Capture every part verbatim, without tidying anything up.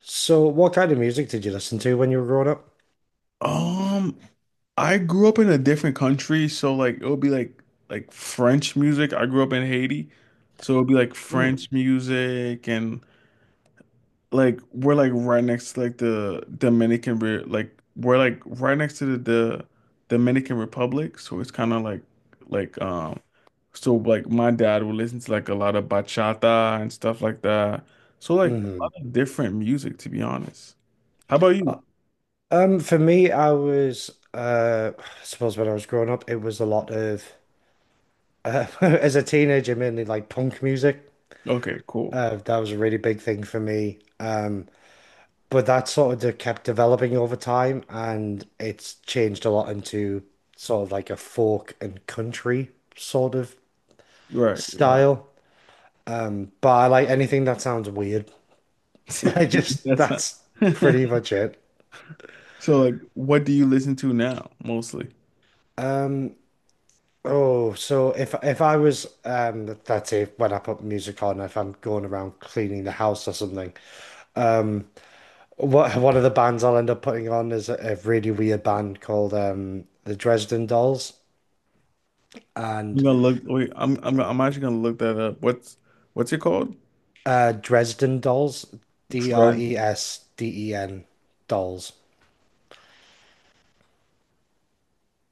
So, what kind of music did you listen to when you were growing up? Um, I grew up in a different country, so like it would be like like French music. I grew up in Haiti, so it would be like Mm. French music and like we're like right next to like the Dominican Re like we're like right next to the, the Dominican Republic, so it's kind of like like um so like my dad would listen to like a lot of bachata and stuff like that. So like a Hmm. lot of different music, to be honest. How about you? Um, for me, I was, uh, I suppose when I was growing up, it was a lot of, uh, as a teenager, mainly like punk music. Okay, cool. Uh, that was a really big thing for me. Um, but that sort of de kept developing over time, and it's changed a lot into sort of like a folk and country sort of Right, right. style. But I like anything that sounds weird. Like just That's not. that's pretty much it. So like, what do you listen to now mostly? Oh, so if if I was um that's it, when I put music on, if I'm going around cleaning the house or something, what one of the bands I'll end up putting on is a, a really weird band called um the Dresden Dolls I'm and gonna look wait, I'm I'm I'm actually gonna look that up. What's what's it called? uh Dresden Dolls, D R Dres E S D E N Dolls.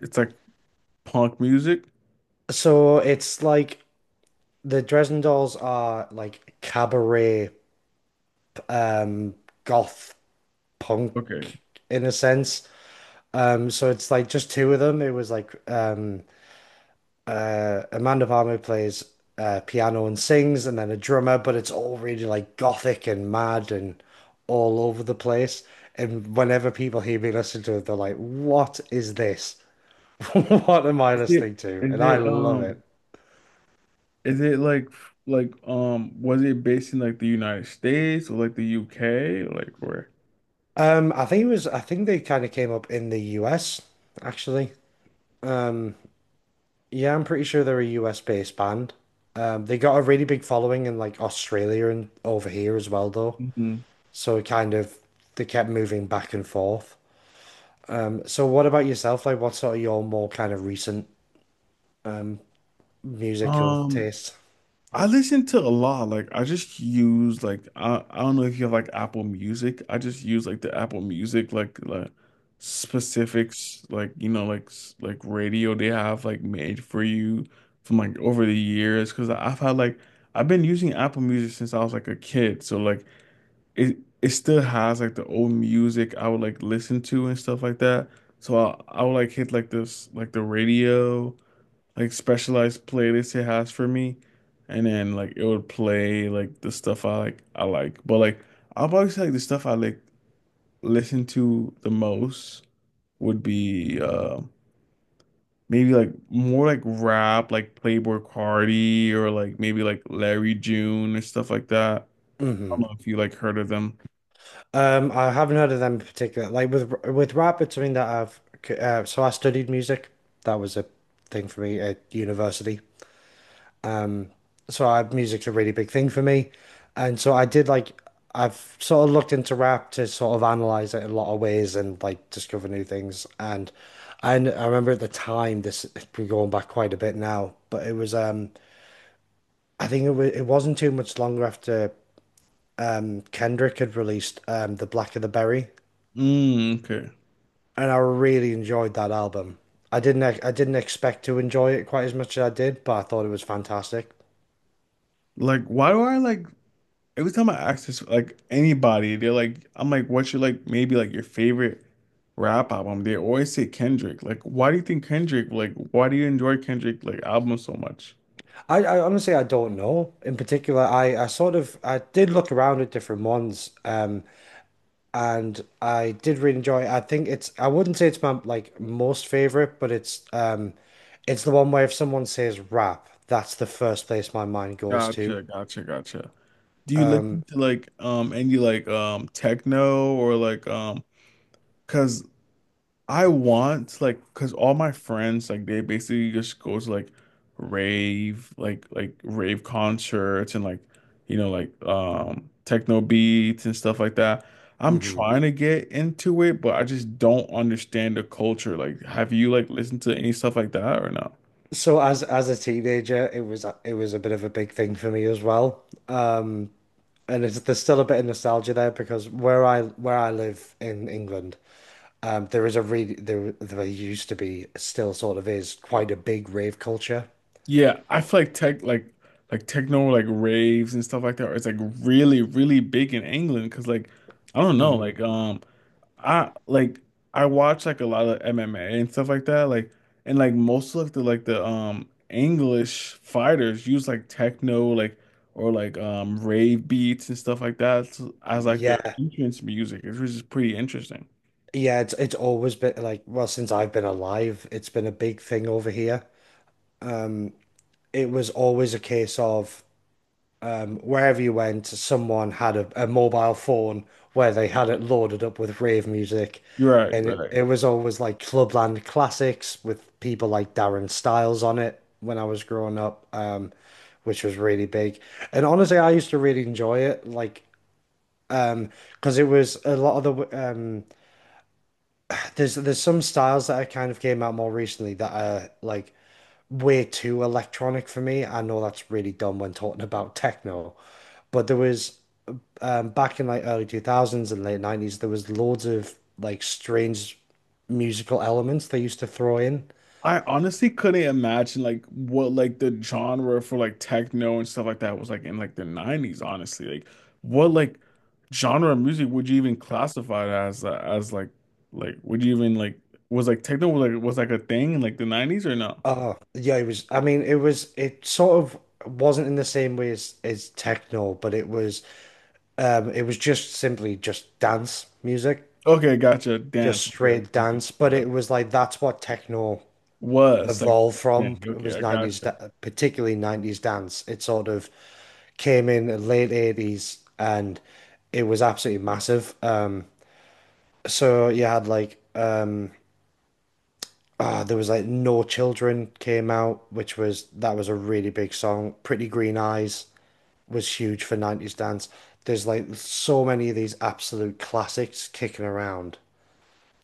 it's like punk music. So it's like the Dresden Dolls are like cabaret um goth punk Okay. in a sense. Um, so it's like just two of them. It was like um, uh, Amanda Palmer plays uh, piano and sings, and then a drummer, but it's all really like gothic and mad and all over the place. And whenever people hear me listen to it, they're like, "What is this? What am I Is it listening to?" is And I it love um it. is it like like um was it based in like the United States or like the U K? Like where? Um, I think it was. I think they kind of came up in the U S, actually. Yeah, I'm pretty sure they're a U S based band. Um, they got a really big following in like Australia and over here as well, though. Mhm. So it kind of they kept moving back and forth. Um, so what about yourself? Like, what's sort of your more kind of recent musical Um taste? I listen to a lot. Like I just use like I, I don't know if you have like Apple Music. I just use like the Apple Music like like specifics like you know like s- like radio they have like made for you from like over the years because I've had like I've been using Apple Music since I was like a kid. So like it it still has like the old music I would like listen to and stuff like that. So I I would like hit like this like the radio like specialized playlists it has for me, and then like it would play like the stuff I like I like. But like I'll probably say like the stuff I like listen to the most would be uh maybe like more like rap, like Playboi Carti or like maybe like Larry June or stuff like that. I don't Hmm. know if you like heard of them. Um, I haven't heard of them in particular. Like with with rap, it's something that I've uh, so I studied music. That was a thing for me at university. So I, music's a really big thing for me. And so I did like I've sort of looked into rap to sort of analyze it in a lot of ways and like discover new things. And and I remember at the time, this we're going back quite a bit now, but it was um I think it was it wasn't too much longer after um Kendrick had released um The Black of the Berry, Mm, okay. and I really enjoyed that album. I didn't ex- I didn't expect to enjoy it quite as much as I did, but I thought it was fantastic. Like why do I like Every time I ask this, like anybody, they're like, I'm like, what's your like maybe like your favorite rap album? They always say Kendrick. Like, why do you think Kendrick? Like, why do you enjoy Kendrick like album so much? I, I honestly, I don't know. In particular, I, I sort of I did look around at different ones, um, and I did really enjoy it. I think it's I wouldn't say it's my like most favorite, but it's um, it's the one where if someone says rap, that's the first place my mind goes to. Gotcha, gotcha, gotcha. Do you listen to like um any like um techno or like um because I want like because all my friends like they basically just go to like rave like like rave concerts and like you know like um techno beats and stuff like that. I'm Hmm. trying to get into it, but I just don't understand the culture. Like, have you like listened to any stuff like that or no? So as as a teenager, it was a- it was a bit of a big thing for me as well. Um, and it's, there's still a bit of nostalgia there because where I where I live in England. Um, there is a really there There used to be still sort of is quite a big rave culture. Yeah, I feel like tech like like techno like raves and stuff like that. It's like really really big in England because like I don't know Hmm. like um. I like I watch like a lot of M M A and stuff like that. Like and like most of the like the um English fighters use like techno like or like um rave beats and stuff like that as, as like their Yeah, entrance music, which is pretty interesting. yeah, it's it's always been like, well, since I've been alive, it's been a big thing over here. It was always a case of, Um, wherever you went, someone had a, a mobile phone where they had it loaded up with rave music. You're right, And it, right. it was always like Clubland classics with people like Darren Styles on it when I was growing up, um, which was really big. And honestly, I used to really enjoy it, like um, because it was a lot of the um, there's there's some styles that I kind of came out more recently that are like way too electronic for me. I know that's really dumb when talking about techno, but there was um, back in like early two thousands and late nineties, there was loads of like strange musical elements they used to throw in. I honestly couldn't imagine like what like the genre for like techno and stuff like that was like in like the nineties, honestly. Like what like genre of music would you even classify it as uh, as like like would you even like was like techno like was like a thing in like the nineties or no? Oh, yeah, it was. I mean, it was. It sort of wasn't in the same way as as techno, but it was. Um, it was just simply just dance music, Okay, gotcha. just Dance. Okay, okay, straight okay. dance. But Okay. Okay. it was like that's what techno Was like evolved from dance. Okay, was I nineties, gotcha. da- particularly nineties dance. It sort of came in the late eighties and it was absolutely massive. Um, so you had like, uh, ah, there was like No Children came out, which was, that was a really big song. Pretty Green Eyes was huge for nineties dance. There's like so many of these absolute classics kicking around,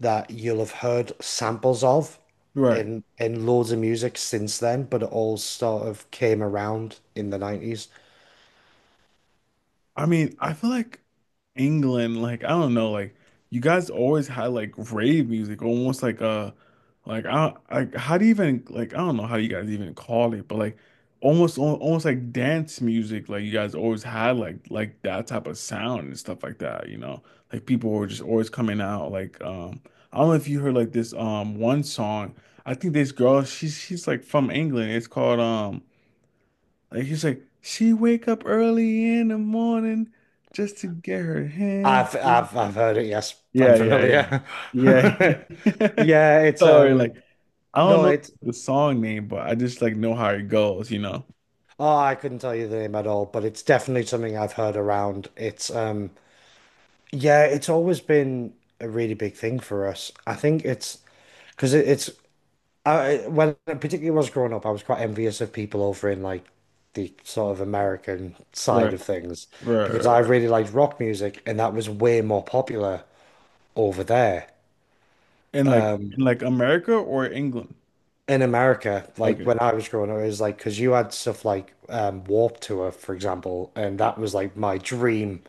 that you'll have heard samples of Right. in in loads of music since then, but it all sort of came around in the nineties. I mean, I feel like England, like I don't know, like you guys always had like rave music, almost like uh, like I like how do you even like I don't know how you guys even call it, but like almost al- almost like dance music, like you guys always had like like that type of sound and stuff like that, you know, like people were just always coming out like um I don't know if you heard like this um one song. I think this girl she's she's like from England, it's called um. Like he's like, she wake up early in the morning just to get her hands. I've I've I've heard it, yes. Yeah, I'm yeah, familiar. yeah. Yeah. Yeah, it's Sorry, like um I don't no, know it's the song name, but I just like know how it goes, you know? oh, I couldn't tell you the name at all, but it's definitely something I've heard around. It's um Yeah, it's always been a really big thing for us. I think it's because it, it's I when particularly when I was growing up, I was quite envious of people over in like the sort of American side Right, of things right, because I right, right. really liked rock music and that was way more popular over there. In like in like America or England? In America, like Okay. when I was growing up, it was like because you had stuff like um, Warped Tour, for example, and that was like my dream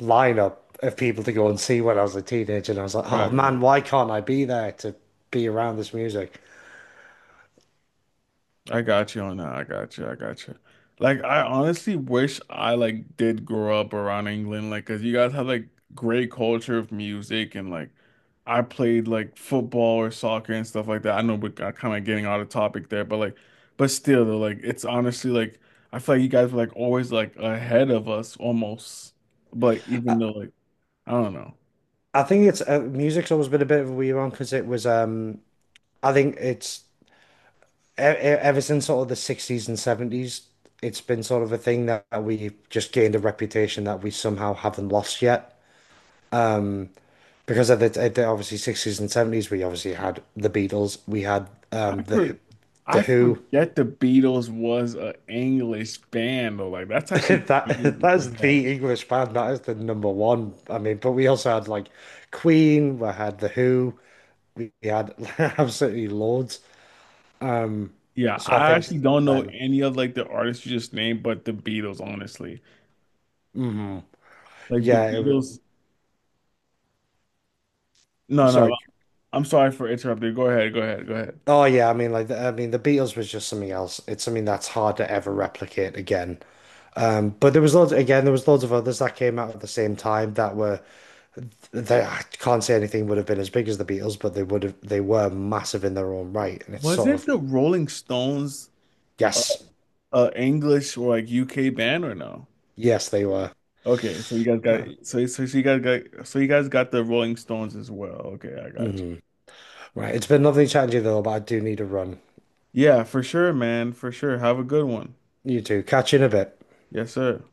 lineup of people to go and see when I was a teenager. And I was like, oh Right, right. man, why can't I be there to be around this music? I got you on that. I got you. I got you. Like I honestly wish I like did grow up around England, like because you guys have like great culture of music and like I played like football or soccer and stuff like that. I know we're kind of getting out of topic there, but like, but still though, like it's honestly like I feel like you guys were like always like ahead of us almost, but I even though like I don't know. I think it's uh, music's always been a bit of a weird one because it was um I think it's e- e- ever since sort of the sixties and seventies, it's been sort of a thing that we've just gained a reputation that we somehow haven't lost yet. Um, because of the, at the obviously sixties and seventies, we obviously had the Beatles, we had um, I the Who- for, the I Who. forget the Beatles was a English band though. Like that's actually That crazy. that's Yeah. the English band. That is the number one. I mean, but we also had like Queen. We had the Who. We we had absolutely loads. Um, Yeah, so I I think since actually don't know then, any of like the artists you just named, but the Beatles, honestly. hmm, Like the yeah. It Beatles. No, was, no, sorry. I'm sorry for interrupting. Go ahead, go ahead, go ahead. Oh yeah, I mean like the, I mean the Beatles was just something else. It's something that's hard to ever replicate again. Um, but there was loads again, there was loads of others that came out at the same time that were they I can't say anything would have been as big as the Beatles, but they would have they were massive in their own right. And it's sort Wasn't of the Rolling Stones a, yes, a English or like U K band or no? yes they were. Okay, so you guys got Um, so so, so you guys got so you guys got the Rolling Stones as well. Okay, I got you. mhm. Right, it's been lovely chatting to you though, but I do need a run. Yeah, for sure, man, for sure. Have a good one. You too. Catch you in a bit. Yes, sir.